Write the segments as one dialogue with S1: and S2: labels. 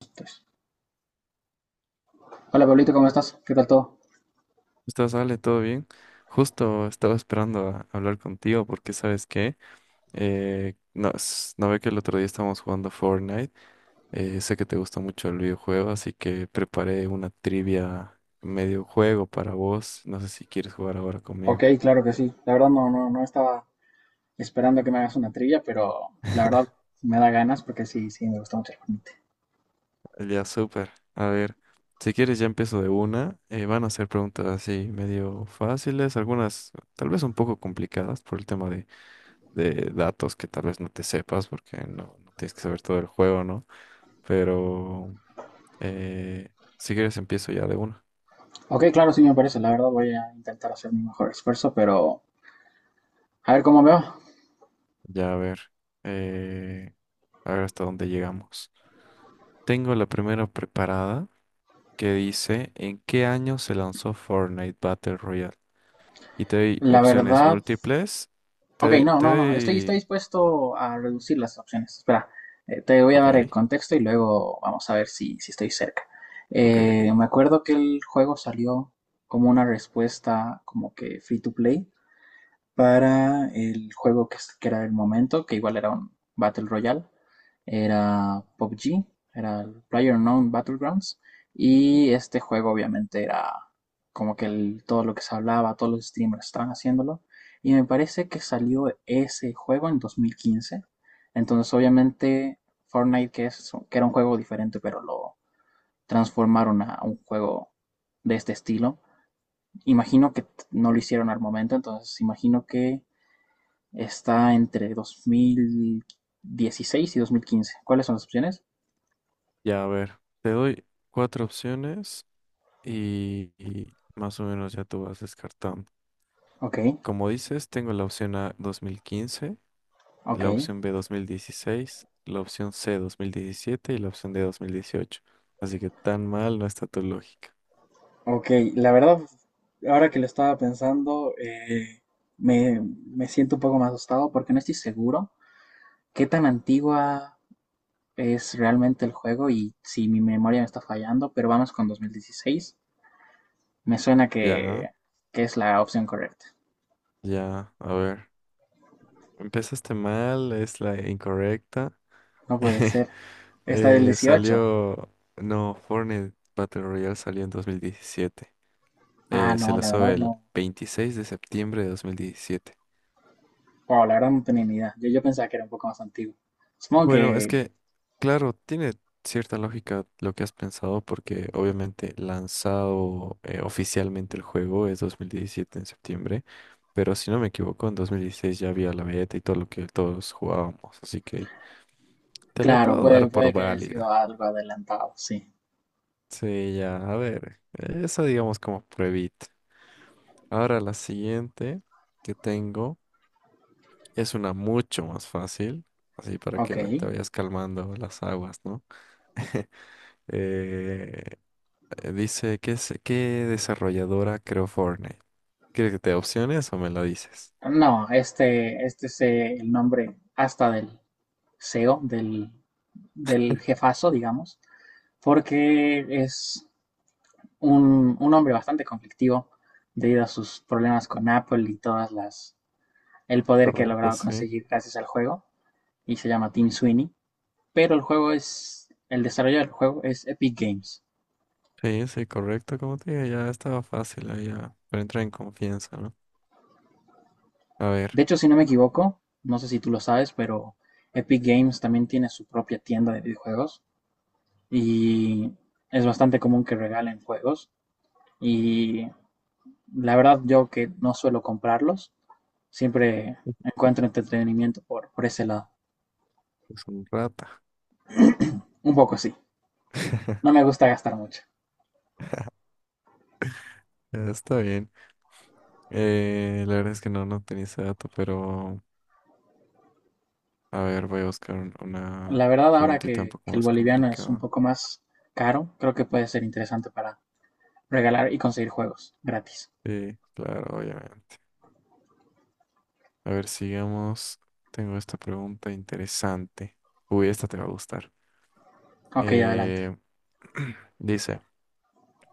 S1: Entonces, hola Pablito, ¿cómo estás? ¿Qué tal todo?
S2: Estás, Ale, todo bien. Justo estaba esperando a hablar contigo porque, ¿sabes qué? No, no ve que el otro día estábamos jugando Fortnite. Sé que te gusta mucho el videojuego, así que preparé una trivia medio juego para vos. No sé si quieres jugar ahora
S1: Ok,
S2: conmigo.
S1: claro que sí. La verdad no estaba esperando que me hagas una trivia, pero la verdad me da ganas porque sí, sí, me gusta mucho el Fortnite.
S2: Ya, súper. A ver, si quieres ya empiezo de una. Van a ser preguntas así medio fáciles, algunas tal vez un poco complicadas por el tema de datos que tal vez no te sepas porque no, no tienes que saber todo el juego, ¿no? Pero eh, si quieres empiezo ya de una.
S1: Ok, claro, sí me parece. La verdad voy a intentar hacer mi mejor esfuerzo, pero a ver cómo me va.
S2: Ya eh, a ver hasta dónde llegamos. Tengo la primera preparada que dice: ¿en qué año se lanzó Fortnite Battle Royale? Y te doy
S1: La
S2: opciones
S1: verdad...
S2: múltiples. Te
S1: Ok,
S2: doy,
S1: no,
S2: te
S1: no, no. Estoy
S2: doy...
S1: dispuesto a reducir las opciones. Espera, te voy a dar el
S2: Ok,
S1: contexto y luego vamos a ver si, si estoy cerca.
S2: ok.
S1: Me acuerdo que el juego salió como una respuesta como que free to play para el juego que era el momento, que igual era un Battle Royale, era PUBG, era el PlayerUnknown Battlegrounds, y este juego obviamente era como que el- todo lo que se hablaba, todos los streamers estaban haciéndolo, y me parece que salió ese juego en 2015, entonces obviamente Fortnite, que, es, que era un juego diferente, pero lo transformaron a un juego de este estilo, imagino que no lo hicieron al momento, entonces imagino que está entre 2016 y 2015. ¿Cuáles son las opciones?
S2: Ya a ver, te doy cuatro opciones y más o menos ya tú vas descartando.
S1: Ok,
S2: Como dices, tengo la opción A, 2015;
S1: ok,
S2: la opción B, 2016; la opción C, 2017; y la opción D, 2018. Así que tan mal no está tu lógica.
S1: ok. La verdad, ahora que lo estaba pensando, me siento un poco más asustado porque no estoy seguro qué tan antigua es realmente el juego y si mi memoria me está fallando, pero vamos con 2016. Me suena
S2: Ya,
S1: que es la opción correcta.
S2: ya, a ver. Empezaste mal, es la incorrecta.
S1: No puede ser. Está del
S2: Eh,
S1: 18.
S2: salió, no, Fortnite Battle Royale salió en 2017.
S1: Ah,
S2: Se
S1: no, la
S2: lanzó
S1: verdad
S2: el
S1: no.
S2: 26 de septiembre de 2017.
S1: Wow, la verdad no tenía ni idea. Yo pensaba que era un poco más antiguo. Supongo
S2: Bueno, es
S1: que,
S2: que, claro, tiene cierta lógica lo que has pensado, porque obviamente lanzado oficialmente el juego es 2017 en septiembre, pero si no me equivoco, en 2016 ya había la beta y todo lo que todos jugábamos, así que te la
S1: claro,
S2: puedo dar por
S1: puede que haya sido
S2: válida.
S1: algo adelantado, sí.
S2: Sí, ya, a ver, esa digamos como pruebita. Ahora la siguiente que tengo es una mucho más fácil, así para que
S1: Ok.
S2: te vayas calmando las aguas, ¿no? Eh, Dice, ¿qué, qué desarrolladora creó Fortnite? ¿Quieres que te dé opciones o me lo dices?
S1: No, este es el nombre hasta del CEO, del jefazo, digamos, porque es un hombre bastante conflictivo debido a sus problemas con Apple y todas las, el poder que ha
S2: Correcto,
S1: logrado
S2: sí.
S1: conseguir gracias al juego, y se llama Tim Sweeney. Pero el juego es, el desarrollo del juego es Epic Games.
S2: Sí, sí, correcto. Como te digo, ya estaba fácil, ahí ya. Pero entra en confianza, ¿no? A ver,
S1: De hecho, si no me equivoco, no sé si tú lo sabes, pero Epic Games también tiene su propia tienda de videojuegos y es bastante común que regalen juegos. Y la verdad, yo que no suelo comprarlos, siempre encuentro entretenimiento por ese lado.
S2: es un rata.
S1: Un poco sí, no me gusta gastar mucho.
S2: Está bien. La verdad es que no, no tenía ese dato, pero a ver, voy a buscar una
S1: La verdad, ahora
S2: preguntita un poco
S1: que el
S2: más
S1: boliviano es un
S2: complicada.
S1: poco más caro, creo que puede ser interesante para regalar y conseguir juegos gratis.
S2: Sí, claro, obviamente. A ver, sigamos. Tengo esta pregunta interesante. Uy, esta te va a gustar.
S1: Ok, adelante.
S2: Eh, Dice,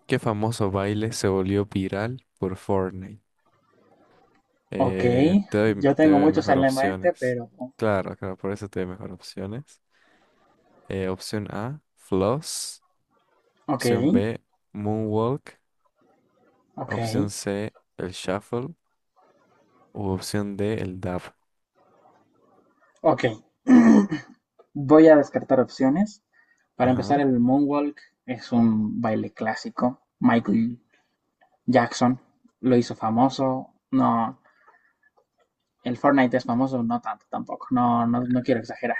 S2: ¿qué famoso baile se volvió viral por Fortnite?
S1: Ok, yo
S2: Te
S1: tengo
S2: doy
S1: muchos
S2: mejor
S1: en la mente,
S2: opciones.
S1: pero
S2: Claro, claro, por eso te doy mejor opciones. Opción A, Floss.
S1: ok,
S2: Opción B, Moonwalk.
S1: ok,
S2: Opción C, el Shuffle. O opción D, el Dab.
S1: ok. Voy a descartar opciones. Para empezar,
S2: Ajá,
S1: el moonwalk es un baile clásico. Michael Jackson lo hizo famoso. No, el Fortnite es famoso, no tanto tampoco. No, no, no quiero exagerar.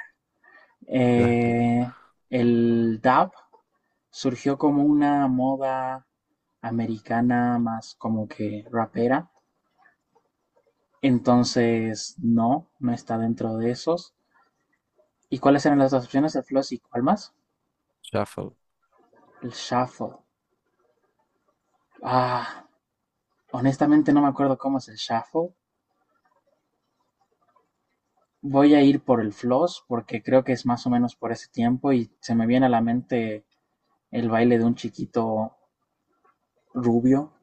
S2: ya, claro.
S1: Eh, el dab surgió como una moda americana más como que rapera. Entonces, no, no está dentro de esos. ¿Y cuáles eran las dos opciones? ¿El floss y cuál más?
S2: Shuffle.
S1: El shuffle. Ah, honestamente no me acuerdo cómo es el shuffle. Voy a ir por el floss porque creo que es más o menos por ese tiempo y se me viene a la mente el baile de un chiquito rubio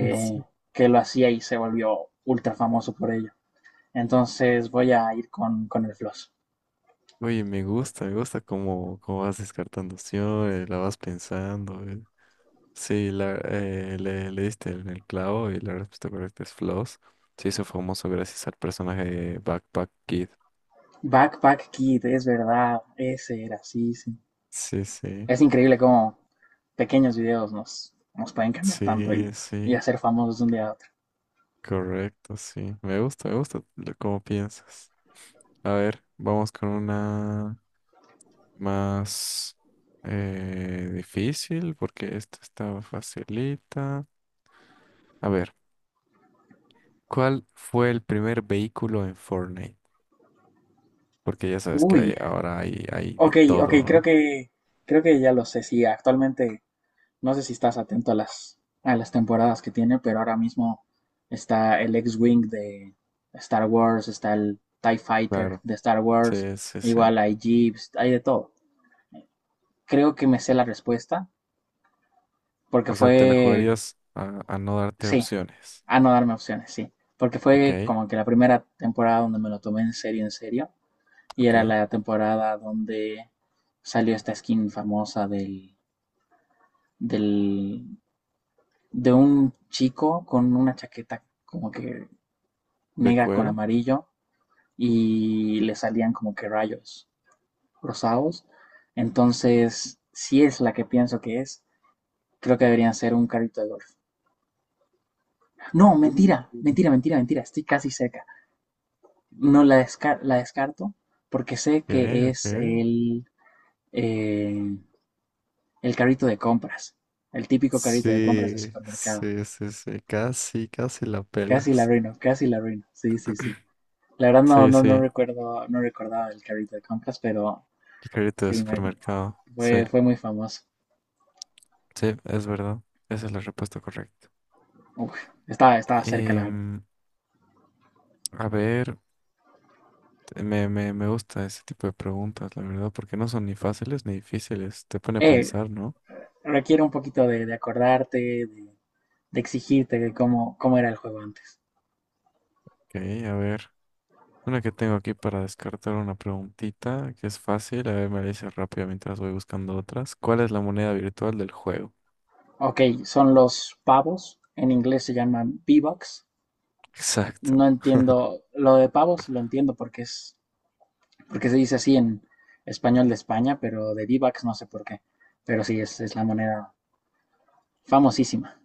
S2: Sí.
S1: que lo hacía y se volvió ultra famoso por ello. Entonces voy a ir con el floss.
S2: Oye, me gusta cómo, cómo vas descartando opciones, la vas pensando. Sí, le diste en el clavo y la respuesta correcta es Floss. Se hizo famoso gracias al personaje de Backpack Kid.
S1: Backpack Kid, es verdad, ese era, sí, sí.
S2: Sí, sí,
S1: Es increíble cómo pequeños videos nos pueden cambiar tanto
S2: sí,
S1: y
S2: sí,
S1: hacer famosos de un día a otro.
S2: correcto, sí. Me gusta cómo piensas. A ver, vamos con una más difícil porque esta está facilita. A ver, ¿cuál fue el primer vehículo en Fortnite? Porque ya sabes que
S1: Uy,
S2: hay, ahora hay, hay de
S1: ok, ok,
S2: todo,
S1: creo
S2: ¿no?
S1: que creo que ya lo sé. Sí, actualmente no sé si estás atento a las temporadas que tiene, pero ahora mismo está el X-Wing de Star Wars, está el TIE Fighter
S2: Claro.
S1: de Star Wars,
S2: Sí, sí, sí.
S1: igual hay Jeeps, hay de todo. Creo que me sé la respuesta porque
S2: O sea, te la
S1: fue,
S2: jugarías a no darte
S1: sí,
S2: opciones.
S1: a no darme opciones, sí, porque fue
S2: Ok,
S1: como que la primera temporada donde me lo tomé en serio, y era
S2: ok.
S1: la temporada donde salió esta skin famosa del del de un chico con una chaqueta como que
S2: De
S1: negra con
S2: cuero.
S1: amarillo y le salían como que rayos rosados. Entonces, si es la que pienso que es, creo que deberían ser un carrito de golf. No, mentira,
S2: Uh.
S1: mentira, mentira, mentira, estoy casi cerca. No la, desca- la descarto porque sé
S2: Ok,
S1: que es
S2: ok.
S1: eh, el carrito de compras, el típico carrito de compras de
S2: Sí,
S1: supermercado.
S2: sí, sí, sí. Casi, casi la
S1: Casi la
S2: pelas.
S1: arruino, casi la arruino. Sí, sí, sí. La verdad no,
S2: Sí,
S1: no,
S2: sí.
S1: no
S2: El
S1: recuerdo, no recordaba el carrito de compras, pero
S2: carrito de
S1: sí, me-
S2: supermercado. Sí,
S1: fue, fue muy famoso.
S2: sí, es verdad. Esa es la respuesta correcta.
S1: Uf, estaba, estaba cerca,
S2: Y,
S1: la verdad.
S2: a ver, me gusta ese tipo de preguntas, la verdad, porque no son ni fáciles ni difíciles. Te pone a
S1: Eh,
S2: pensar, ¿no?
S1: Requiere un poquito de acordarte, de exigirte de cómo, cómo era el juego antes.
S2: Ok, a ver. Una que tengo aquí para descartar, una preguntita que es fácil. A ver, me la dices rápido mientras voy buscando otras. ¿Cuál es la moneda virtual del juego?
S1: Ok, son los pavos, en inglés se llaman V-Bucks.
S2: Exacto.
S1: No entiendo, lo de pavos lo entiendo porque es, porque se dice así en español de España, pero de V-Bucks no sé por qué. Pero sí, es la moneda famosísima.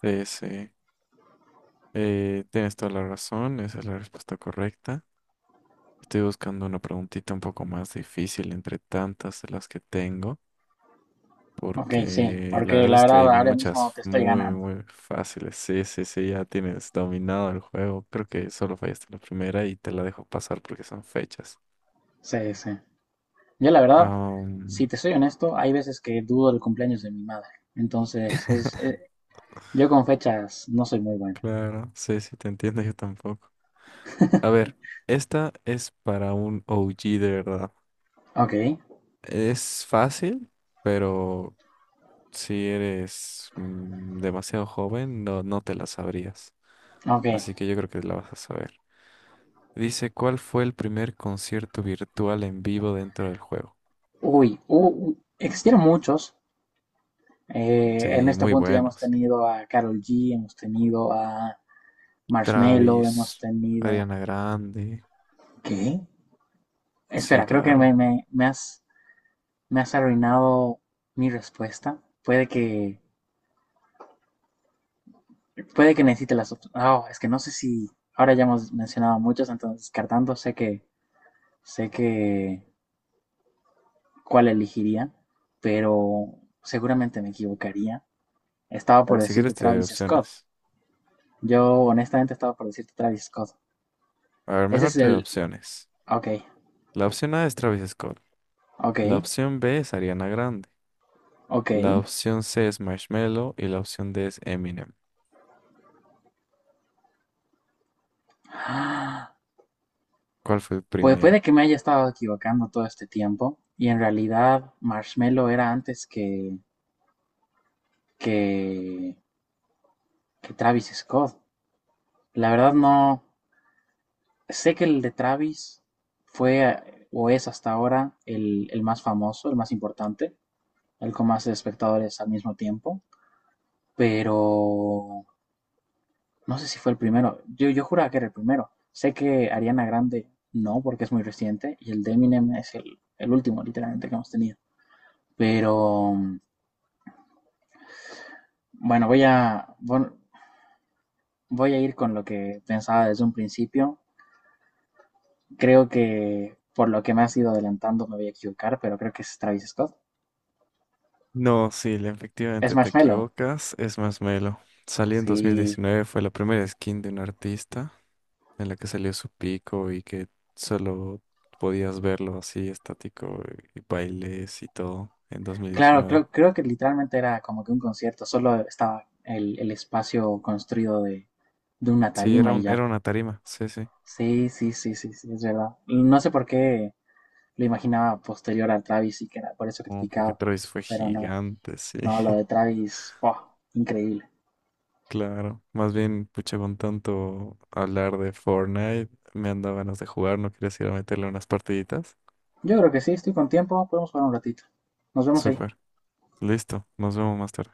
S2: Sí, sí. Tienes toda la razón. Esa es la respuesta correcta. Estoy buscando una preguntita un poco más difícil entre tantas de las que tengo.
S1: Ok, sí,
S2: Porque la
S1: porque
S2: verdad
S1: la
S2: es que
S1: verdad
S2: hay
S1: ahora mismo
S2: muchas
S1: te estoy
S2: muy,
S1: ganando.
S2: muy fáciles. Sí, sí, sí, ya tienes dominado el juego. Creo que solo fallaste la primera y te la dejo pasar porque son fechas.
S1: Sí, sí. Yo la verdad,
S2: Ah,
S1: si te soy honesto, hay veces que dudo el cumpleaños de mi madre. Entonces, es, yo con fechas no soy muy bueno.
S2: claro, sí, sí, te entiendo, yo tampoco. A ver, esta es para un OG de verdad.
S1: Ok,
S2: Es fácil, pero si eres demasiado joven, no, no te la sabrías.
S1: ok.
S2: Así que yo creo que la vas a saber. Dice, ¿cuál fue el primer concierto virtual en vivo dentro del juego?
S1: Uy, u- existieron muchos. En
S2: Sí,
S1: este
S2: muy
S1: punto ya hemos
S2: buenos.
S1: tenido a Karol G, hemos tenido a Marshmello, hemos
S2: Travis,
S1: tenido...
S2: Ariana Grande.
S1: ¿Qué?
S2: Sí,
S1: Espera, creo que
S2: claro.
S1: me has arruinado mi respuesta. Puede que necesite las opciones. Oh, es que no sé si. Ahora ya hemos mencionado muchos, entonces descartando, sé que. Sé que. ¿Cuál elegiría? Pero seguramente me equivocaría. Estaba
S2: A
S1: por
S2: ver, si
S1: decirte
S2: quieres te doy
S1: Travis Scott.
S2: opciones.
S1: Yo, honestamente, estaba por decirte Travis Scott.
S2: A ver,
S1: Ese
S2: mejor
S1: es
S2: te doy
S1: el.
S2: opciones.
S1: Ok,
S2: La opción A es Travis Scott.
S1: ok,
S2: La opción B es Ariana Grande.
S1: ok.
S2: La opción C es Marshmello y la opción D es Eminem.
S1: Ah,
S2: ¿Cuál fue el
S1: pues puede
S2: primero?
S1: que me haya estado equivocando todo este tiempo. Y en realidad, Marshmello era antes que. Que. Que Travis Scott. La verdad, no. Sé que el de Travis fue o es hasta ahora el más famoso, el más importante, el con más espectadores al mismo tiempo, pero no sé si fue el primero. Yo juraba que era el primero. Sé que Ariana Grande no, porque es muy reciente, y el de Eminem es el último, literalmente, que hemos tenido. Pero bueno, voy a ir con lo que pensaba desde un principio. Creo que por lo que me has ido adelantando me voy a equivocar, pero creo que es Travis Scott.
S2: No, sí,
S1: Es
S2: efectivamente te
S1: Marshmello.
S2: equivocas. Es Marshmello. Salió en
S1: Sí,
S2: 2019, fue la primera skin de un artista en la que salió su pico y que solo podías verlo así estático y bailes y todo en
S1: claro,
S2: 2019.
S1: creo, creo que literalmente era como que un concierto, solo estaba el espacio construido de una
S2: Sí, era
S1: tarima y
S2: un,
S1: ya.
S2: era una tarima, sí, sí.
S1: Sí, sí, sí, sí, sí, es verdad. Y no sé por qué lo imaginaba posterior a Travis y que era por eso
S2: Oh, porque
S1: criticado,
S2: Travis fue
S1: pero no,
S2: gigante, sí.
S1: no, lo de Travis, ¡buah! Increíble.
S2: Claro, más bien, pucha, con tanto hablar de Fortnite, me han dado ganas de jugar, ¿no quieres ir a meterle unas partiditas?
S1: Yo creo que sí, estoy con tiempo, podemos jugar un ratito. Nos vemos ahí.
S2: Súper, listo, nos vemos más tarde.